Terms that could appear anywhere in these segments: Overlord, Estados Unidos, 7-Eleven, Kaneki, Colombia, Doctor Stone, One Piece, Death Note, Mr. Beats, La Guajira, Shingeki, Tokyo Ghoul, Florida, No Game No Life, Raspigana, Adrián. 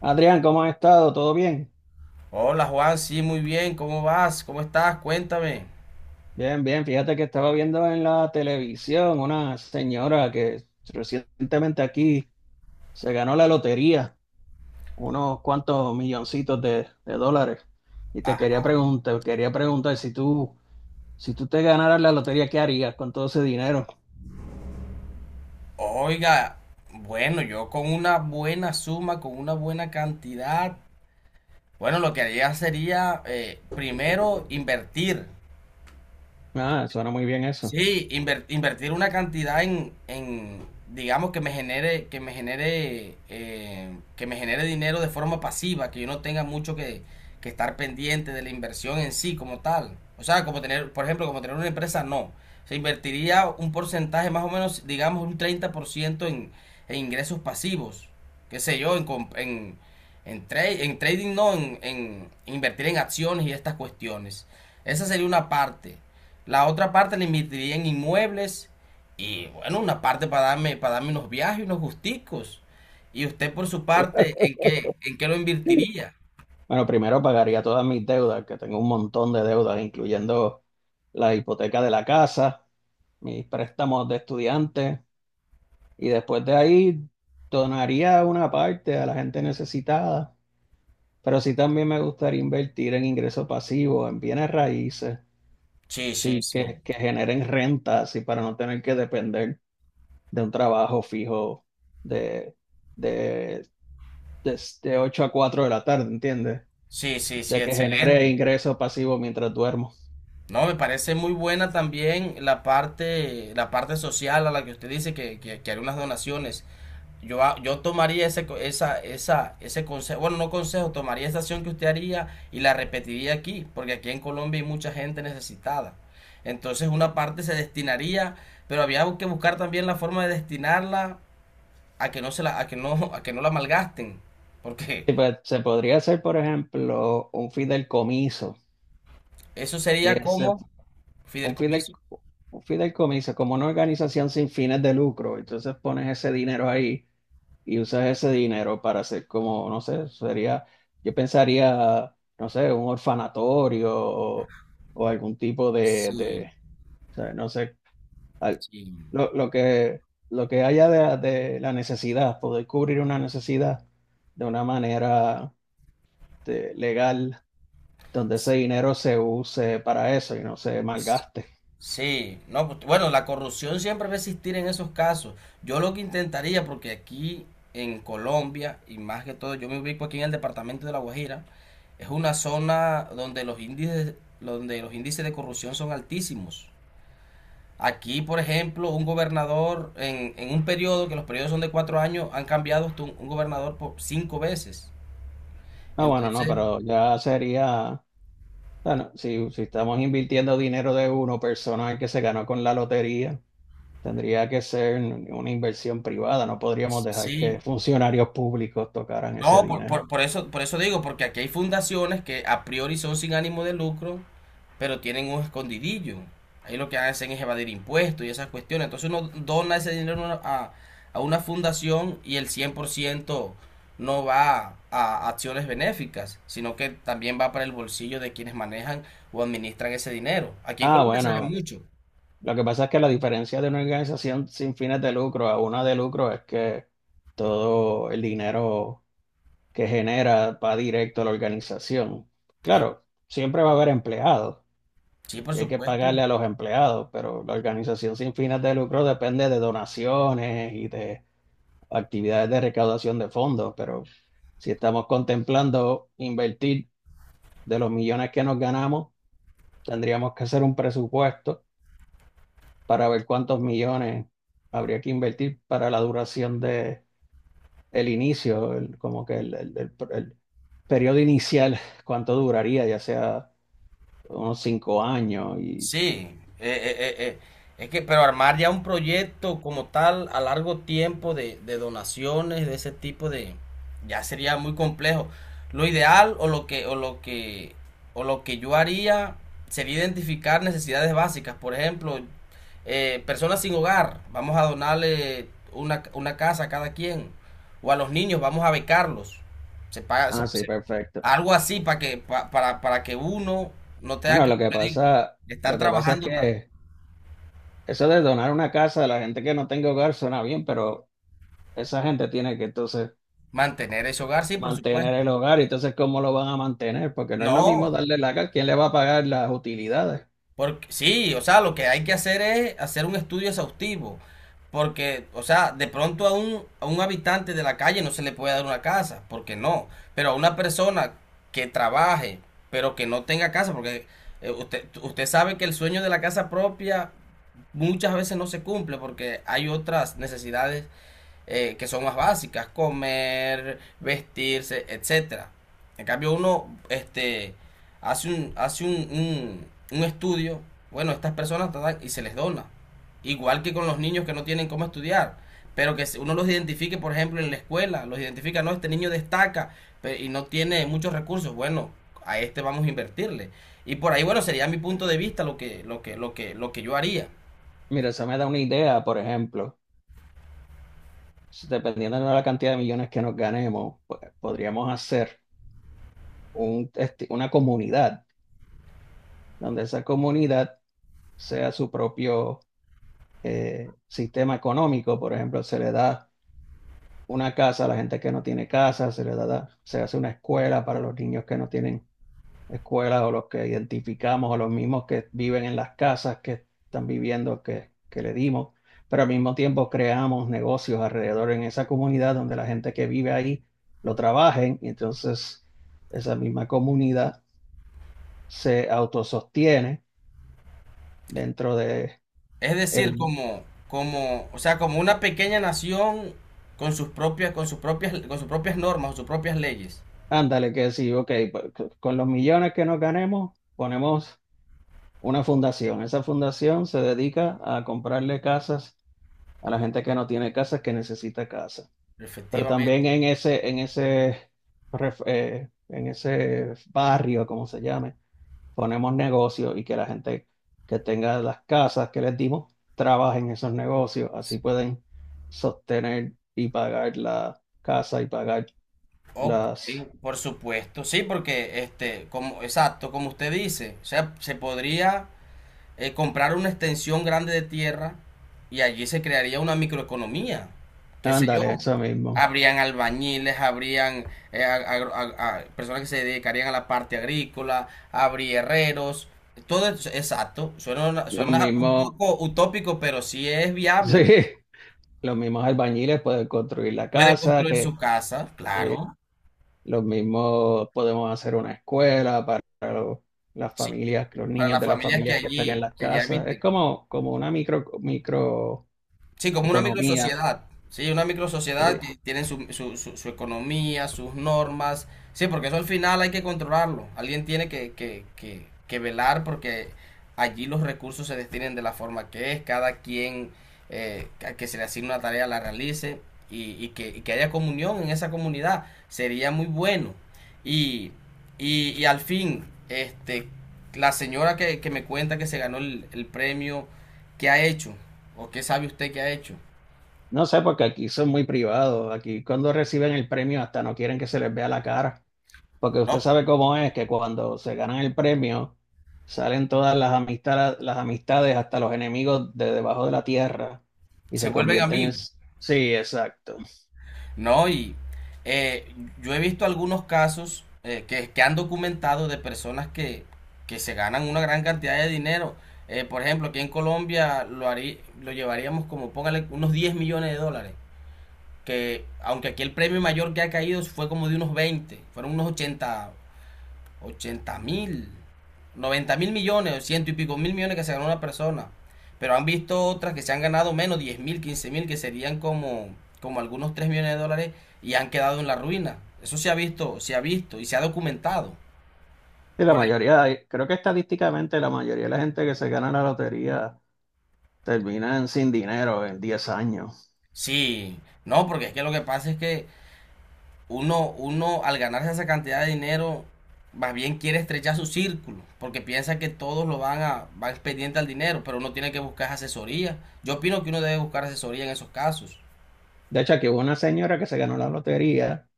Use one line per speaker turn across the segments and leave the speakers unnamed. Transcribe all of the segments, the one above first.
Adrián, ¿cómo has estado? ¿Todo bien?
Hola Juan, sí, muy bien, ¿cómo vas? ¿Cómo estás? Cuéntame.
Bien, bien. Fíjate que estaba viendo en la televisión una señora que recientemente aquí se ganó la lotería, unos cuantos milloncitos de dólares. Y te quería preguntar si tú, si tú te ganaras la lotería, ¿qué harías con todo ese dinero?
Oiga, bueno, yo con una buena suma, con una buena cantidad, bueno, lo que haría sería primero invertir.
Ah, suena muy bien eso.
Sí, invertir una cantidad en, digamos, que me genere, que me genere, que me genere dinero de forma pasiva, que yo no tenga mucho que estar pendiente de la inversión en sí como tal. O sea, como tener, por ejemplo, como tener una empresa, no. Se invertiría un porcentaje más o menos, digamos, un 30% en ingresos pasivos. Qué sé yo, en trading, no, en invertir en acciones y estas cuestiones. Esa sería una parte. La otra parte la invertiría en inmuebles y bueno, una parte para darme unos viajes, unos gusticos. ¿Y usted por su parte, en qué lo invertiría?
Bueno, primero pagaría todas mis deudas, que tengo un montón de deudas, incluyendo la hipoteca de la casa, mis préstamos de estudiante. Y después de ahí donaría una parte a la gente necesitada, pero sí también me gustaría invertir en ingresos pasivos, en bienes raíces,
Sí, sí,
sí,
sí.
que generen renta, así para no tener que depender de un trabajo fijo de, de, de 8 a 4 de la tarde, ¿entiendes?
Sí, sí, sí,
De que genere
excelente.
ingresos pasivos mientras duermo.
No, me parece muy buena también la parte social a la que usted dice que haré unas donaciones. Yo tomaría ese, co- esa, ese consejo, bueno, no consejo, tomaría esa acción que usted haría y la repetiría aquí, porque aquí en Colombia hay mucha gente necesitada. Entonces una parte se destinaría, pero había que buscar también la forma de destinarla a que no se la, a que no la malgasten, porque
Y pues, se podría hacer, por ejemplo, un fideicomiso.
eso
Y
sería
ese
como
un fin
fideicomiso.
un fideicomiso, como una organización sin fines de lucro. Entonces pones ese dinero ahí y usas ese dinero para hacer como, no sé, sería, yo pensaría, no sé, un orfanatorio o algún tipo
Sí,
o sea, no sé, al-
sí.
lo, lo que, lo que haya de la necesidad, poder cubrir una necesidad de una manera legal, donde ese dinero se use para eso y no se malgaste.
Sí, no, pues, bueno, la corrupción siempre va a existir en esos casos. Yo lo que intentaría, porque aquí en Colombia, y más que todo, yo me ubico aquí en el departamento de La Guajira, es una zona donde los índices de corrupción son altísimos. Aquí, por ejemplo, un gobernador en un periodo, que los periodos son de 4 años, han cambiado hasta un gobernador por 5 veces.
Ah, bueno, no,
Entonces,
pero ya sería, bueno, si, si estamos invirtiendo dinero de uno persona que se ganó con la lotería, tendría que ser una inversión privada, no podríamos dejar que
sí.
funcionarios públicos tocaran ese
No, por,
dinero.
por- por eso, por eso digo, porque aquí hay fundaciones que a priori son sin ánimo de lucro, pero tienen un escondidillo. Ahí lo que hacen es evadir impuestos y esas cuestiones. Entonces uno dona ese dinero a una fundación y el 100% no va a acciones benéficas, sino que también va para el bolsillo de quienes manejan o administran ese dinero. Aquí en
Ah,
Colombia se ve, claro,
bueno,
mucho.
lo que pasa es que la diferencia de una organización sin fines de lucro a una de lucro es que todo el dinero que genera va directo a la organización.
¿Eh?
Claro, siempre va a haber empleados
Sí, por
y hay que
supuesto.
pagarle a los empleados, pero la organización sin fines de lucro depende de donaciones y de actividades de recaudación de fondos, pero si estamos contemplando invertir de los millones que nos ganamos, tendríamos que hacer un presupuesto para ver cuántos millones habría que invertir para la duración de el inicio, como que el periodo inicial, cuánto duraría, ya sea unos 5 años y...
Sí, es que, pero armar ya un proyecto como tal a largo tiempo de donaciones, de ese tipo de, ya sería muy complejo. Lo ideal o lo que, o lo que, o lo que yo haría sería identificar necesidades básicas. Por ejemplo, personas sin hogar, vamos a donarle una casa a cada quien. O a los niños, vamos a becarlos. Se paga,
Ah,
se-
sí,
se-
perfecto.
Algo así para que uno no tenga
Bueno,
que, como le digo, estar
lo que pasa es
trabajando tanto.
que eso de donar una casa a la gente que no tenga hogar suena bien, pero esa gente tiene que entonces
Mantener ese hogar, sí, por
mantener
supuesto.
el hogar, y entonces ¿cómo lo van a mantener? Porque no es lo mismo
No,
darle la casa, ¿quién le va a pagar las utilidades?
porque sí, o sea, lo que hay que hacer es hacer un estudio exhaustivo. Porque, o sea, de pronto a un habitante de la calle no se le puede dar una casa, porque no. Pero a una persona que trabaje, pero que no tenga casa, porque usted sabe que el sueño de la casa propia muchas veces no se cumple porque hay otras necesidades que son más básicas, comer, vestirse, etcétera. En cambio uno hace, un, hace un, un estudio, bueno, estas personas tratan y se les dona. Igual que con los niños que no tienen cómo estudiar, pero que uno los identifique, por ejemplo, en la escuela, los identifica, no, este niño destaca y no tiene muchos recursos, bueno, a este vamos a invertirle. Y por ahí, bueno, sería mi punto de vista lo que, lo que yo haría.
Mira, eso me da una idea, por ejemplo, si dependiendo de la cantidad de millones que nos ganemos, pues, podríamos hacer una comunidad donde esa comunidad sea su propio sistema económico, por ejemplo, se le da una casa a la gente que no tiene casa, se le da, se hace una escuela para los niños que no tienen escuela o los que identificamos o los mismos que viven en las casas que están viviendo que le dimos, pero al mismo tiempo creamos negocios alrededor en esa comunidad donde la gente que vive ahí lo trabajen y entonces esa misma comunidad se autosostiene dentro de
Es decir,
el,
como, o sea, como una pequeña nación con sus propias, con sus propias normas, sus propias leyes.
ándale, que decir, ok, pues, con los millones que nos ganemos, ponemos una fundación. Esa fundación se dedica a comprarle casas a la gente que no tiene casas, que necesita casa. Pero también
Efectivamente.
en ese barrio, como se llame, ponemos negocios y que la gente que tenga las casas que les dimos trabaje en esos negocios. Así pueden sostener y pagar la casa y pagar
Ok,
las...
por supuesto. Sí, porque como, exacto, como usted dice, o sea, se podría comprar una extensión grande de tierra y allí se crearía una microeconomía, qué sé
Ándale,
yo.
eso mismo.
Habrían albañiles, habrían personas que se dedicarían a la parte agrícola, habría herreros, todo eso, exacto, suena, una-
Lo
suena un
mismo,
poco utópico, pero sí es viable.
sí. Los mismos albañiles pueden construir la
Puede
casa,
construir su
que
casa,
sí,
claro,
los mismos podemos hacer una escuela para los- las
sí,
familias, los
para
niños
las
de las
familias
familias que están en las
que allí
casas. Es
habiten.
como, como una micro, microeconomía.
Sí, como una microsociedad. Sí, una microsociedad
Sí.
que tienen su, su economía, sus normas. Sí, porque eso al final hay que controlarlo. Alguien tiene que velar porque allí los recursos se destinen de la forma que es, cada quien a que se le asigne una tarea la realice y, y que haya comunión en esa comunidad. Sería muy bueno. Y, y al fin, la señora que me cuenta que se ganó el premio. ¿Qué ha hecho? ¿O qué sabe usted que ha hecho?
No sé, porque aquí son muy privados. Aquí cuando reciben el premio hasta no quieren que se les vea la cara. Porque usted
No,
sabe cómo es que cuando se ganan el premio salen todas las amistades hasta los enemigos de debajo de la tierra y
se
se
vuelven
convierten en...
amigos.
Sí, exacto.
No, y eh, yo he visto algunos casos que han documentado de personas que se ganan una gran cantidad de dinero. Por ejemplo, aquí en Colombia lo llevaríamos como, póngale, unos 10 millones de dólares. Que aunque aquí el premio mayor que ha caído fue como de unos 20 fueron unos 80 80 mil, 90 mil millones, ciento y pico mil millones que se ganó una persona. Pero han visto otras que se han ganado menos, 10 mil, 15 mil, que serían como algunos 3 millones de dólares y han quedado en la ruina. Eso se ha visto y se ha documentado.
Sí, la
Por ahí.
mayoría, creo que estadísticamente la mayoría de la gente que se gana la lotería terminan sin dinero en 10 años.
Sí, no, porque es que lo que pasa es que uno al ganarse esa cantidad de dinero, más bien quiere estrechar su círculo, porque piensa que todos lo van a, van pendiente al dinero, pero uno tiene que buscar asesoría. Yo opino que uno debe buscar asesoría en esos casos.
De hecho, aquí hubo una señora que se ganó la lotería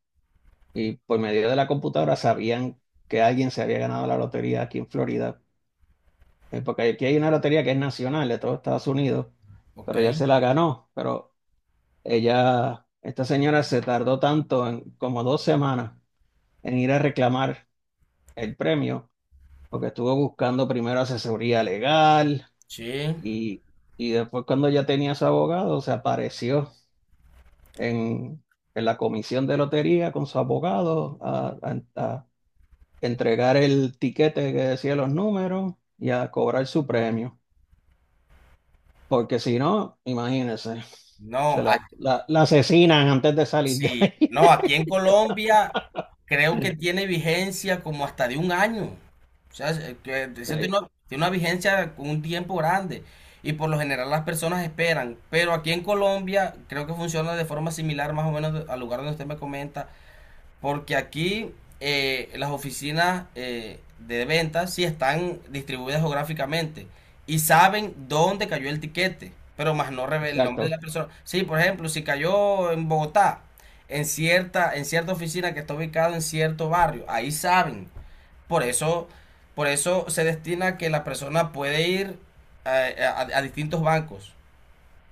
y por medio de la computadora sabían que alguien se había ganado la lotería aquí en Florida. Porque aquí hay una lotería que es nacional de todos Estados Unidos,
Ok,
pero ella se la ganó. Pero ella, esta señora se tardó tanto, en, como 2 semanas, en ir a reclamar el premio, porque estuvo buscando primero asesoría legal.
sí.
Y, y después cuando ya tenía su abogado, se apareció en, en la comisión de lotería con su abogado a, a entregar el tiquete que decía los números y a cobrar su premio. Porque si no, imagínense,
No,
la asesinan antes de salir de
sí.
ahí.
No, aquí en Colombia creo que tiene vigencia como hasta de un año. O sea, que eso tiene
Sí,
una vigencia con un tiempo grande. Y por lo general las personas esperan. Pero aquí en Colombia creo que funciona de forma similar más o menos al lugar donde usted me comenta. Porque aquí las oficinas de ventas sí están distribuidas geográficamente y saben dónde cayó el tiquete, pero más no revela el nombre de
exacto.
la persona. Sí, por ejemplo, si cayó en Bogotá, en cierta oficina que está ubicada en cierto barrio, ahí saben. Por eso, por eso se destina que la persona puede ir a distintos bancos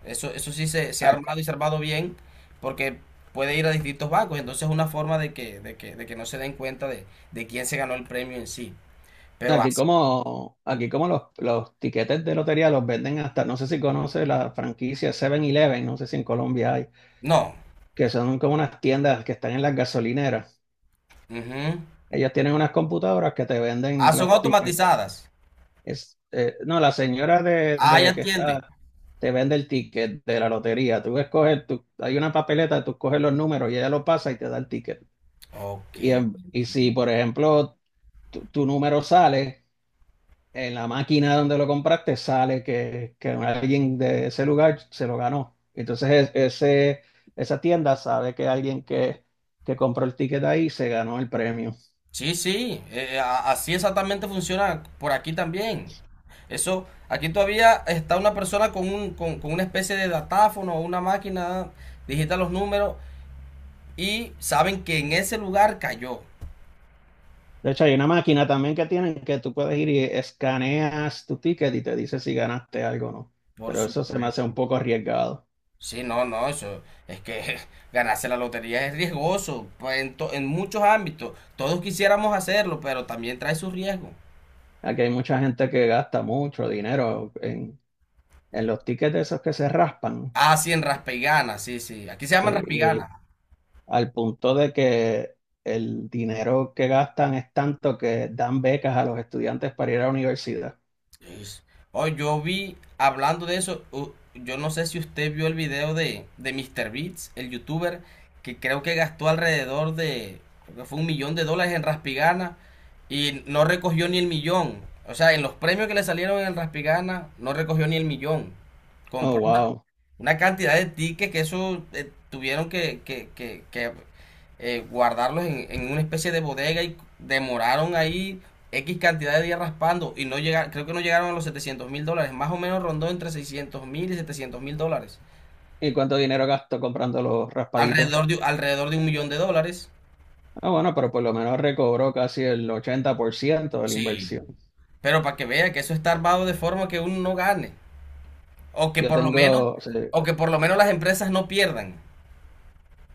eso sí se ha
A-
armado y se bien porque puede ir a distintos bancos. Entonces es una forma de que no se den cuenta de quién se ganó el premio en sí. Pero así.
Aquí como los tiquetes de lotería los venden hasta, no sé si conoce la franquicia 7-Eleven, no sé si en Colombia hay.
No.
Que son como unas tiendas que están en las gasolineras.
Ujú.
Ellas tienen unas computadoras que te
Ah,
venden
son
los tickets.
automatizadas.
Es, no, la señora de,
Ah, ya
de que
entiende.
está te vende el ticket de la lotería. Tú escoges, tú, hay una papeleta, tú coges los números y ella lo pasa y te da el ticket.
Ok.
Y, y si, por ejemplo, tu número sale, en la máquina donde lo compraste sale que alguien de ese lugar se lo ganó. Ese, esa tienda sabe que alguien que compró el ticket ahí se ganó el premio.
Sí, sí. Así exactamente funciona por aquí también. Eso, aquí todavía está una persona con una especie de datáfono o una máquina, digita los números y saben que en ese lugar cayó.
De hecho, hay una máquina también que tienen que tú puedes ir y escaneas tu ticket y te dice si ganaste algo o no.
Por
Pero eso se me hace
supuesto.
un poco arriesgado.
Sí, no, no, eso es que ganarse la lotería es riesgoso, pues, en muchos ámbitos. Todos quisiéramos hacerlo, pero también trae su riesgo.
Aquí hay mucha gente que gasta mucho dinero en los tickets de esos que se raspan. ¿No?
Ah, sí, en Raspigana, sí, sí. Aquí se llaman
Sí,
Raspigana.
al punto de que el dinero que gastan es tanto que dan becas a los estudiantes para ir a la universidad.
Es- Oh, yo vi, hablando de eso, yo no sé si usted vio el video de Mr. Beats, el youtuber, que creo que gastó creo que fue 1 millón de dólares en Raspigana y no recogió ni el millón. O sea, en los premios que le salieron en Raspigana no recogió ni el millón.
Oh,
Compró
wow.
una cantidad de tickets que eso tuvieron que guardarlos en una especie de bodega y demoraron ahí X cantidad de días raspando y no llegaron, creo que no llegaron a los 700 mil dólares, más o menos rondó entre 600 mil y 700 mil dólares,
¿Y cuánto dinero gastó comprando los raspaditos?
alrededor de 1 millón de dólares.
Ah, bueno, pero por lo menos recobró casi el 80% de la
Sí.
inversión.
Pero para que vea que eso está armado de forma que uno no gane, o que
Yo
por lo menos,
tengo, sí,
o que por lo menos las empresas no pierdan.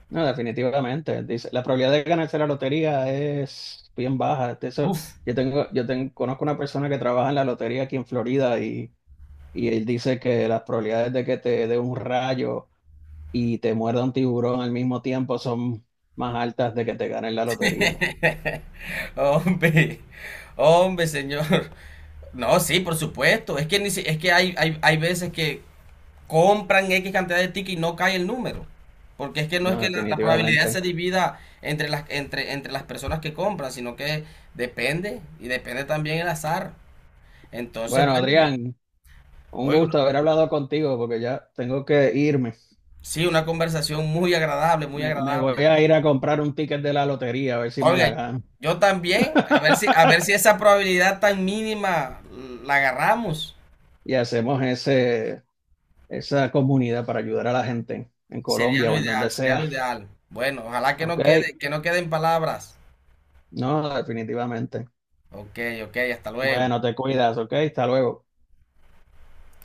no, definitivamente. Dice, la probabilidad de ganarse la lotería es bien baja. De eso,
Uf.
yo conozco una persona que trabaja en la lotería aquí en Florida y él dice que las probabilidades de que te dé un rayo y te muerda un tiburón al mismo tiempo son más altas de que te ganen la lotería.
Hombre, hombre, señor. No, sí, por supuesto. Es que, ni si- es que hay veces que compran X cantidad de tickets y no cae el número. Porque es que no es
No,
que la probabilidad se
definitivamente.
divida entre las, entre las personas que compran, sino que depende y depende también el azar. Entonces,
Bueno,
bueno,
Adrián, un
hoy
gusto haber hablado contigo porque ya tengo que irme.
sí, una conversación muy agradable, muy
Me voy
agradable.
a ir a comprar un ticket de la lotería a ver si me
Oiga,
la gano.
yo también, a ver si esa probabilidad tan mínima la agarramos.
Y hacemos ese esa comunidad para ayudar a la gente en
Sería
Colombia
lo
o en donde
ideal, sería lo
sea.
ideal. Bueno, ojalá que
Ok,
no quede, que no queden palabras.
no, definitivamente.
Ok, ok, hasta luego.
Bueno, te cuidas, ok, hasta luego.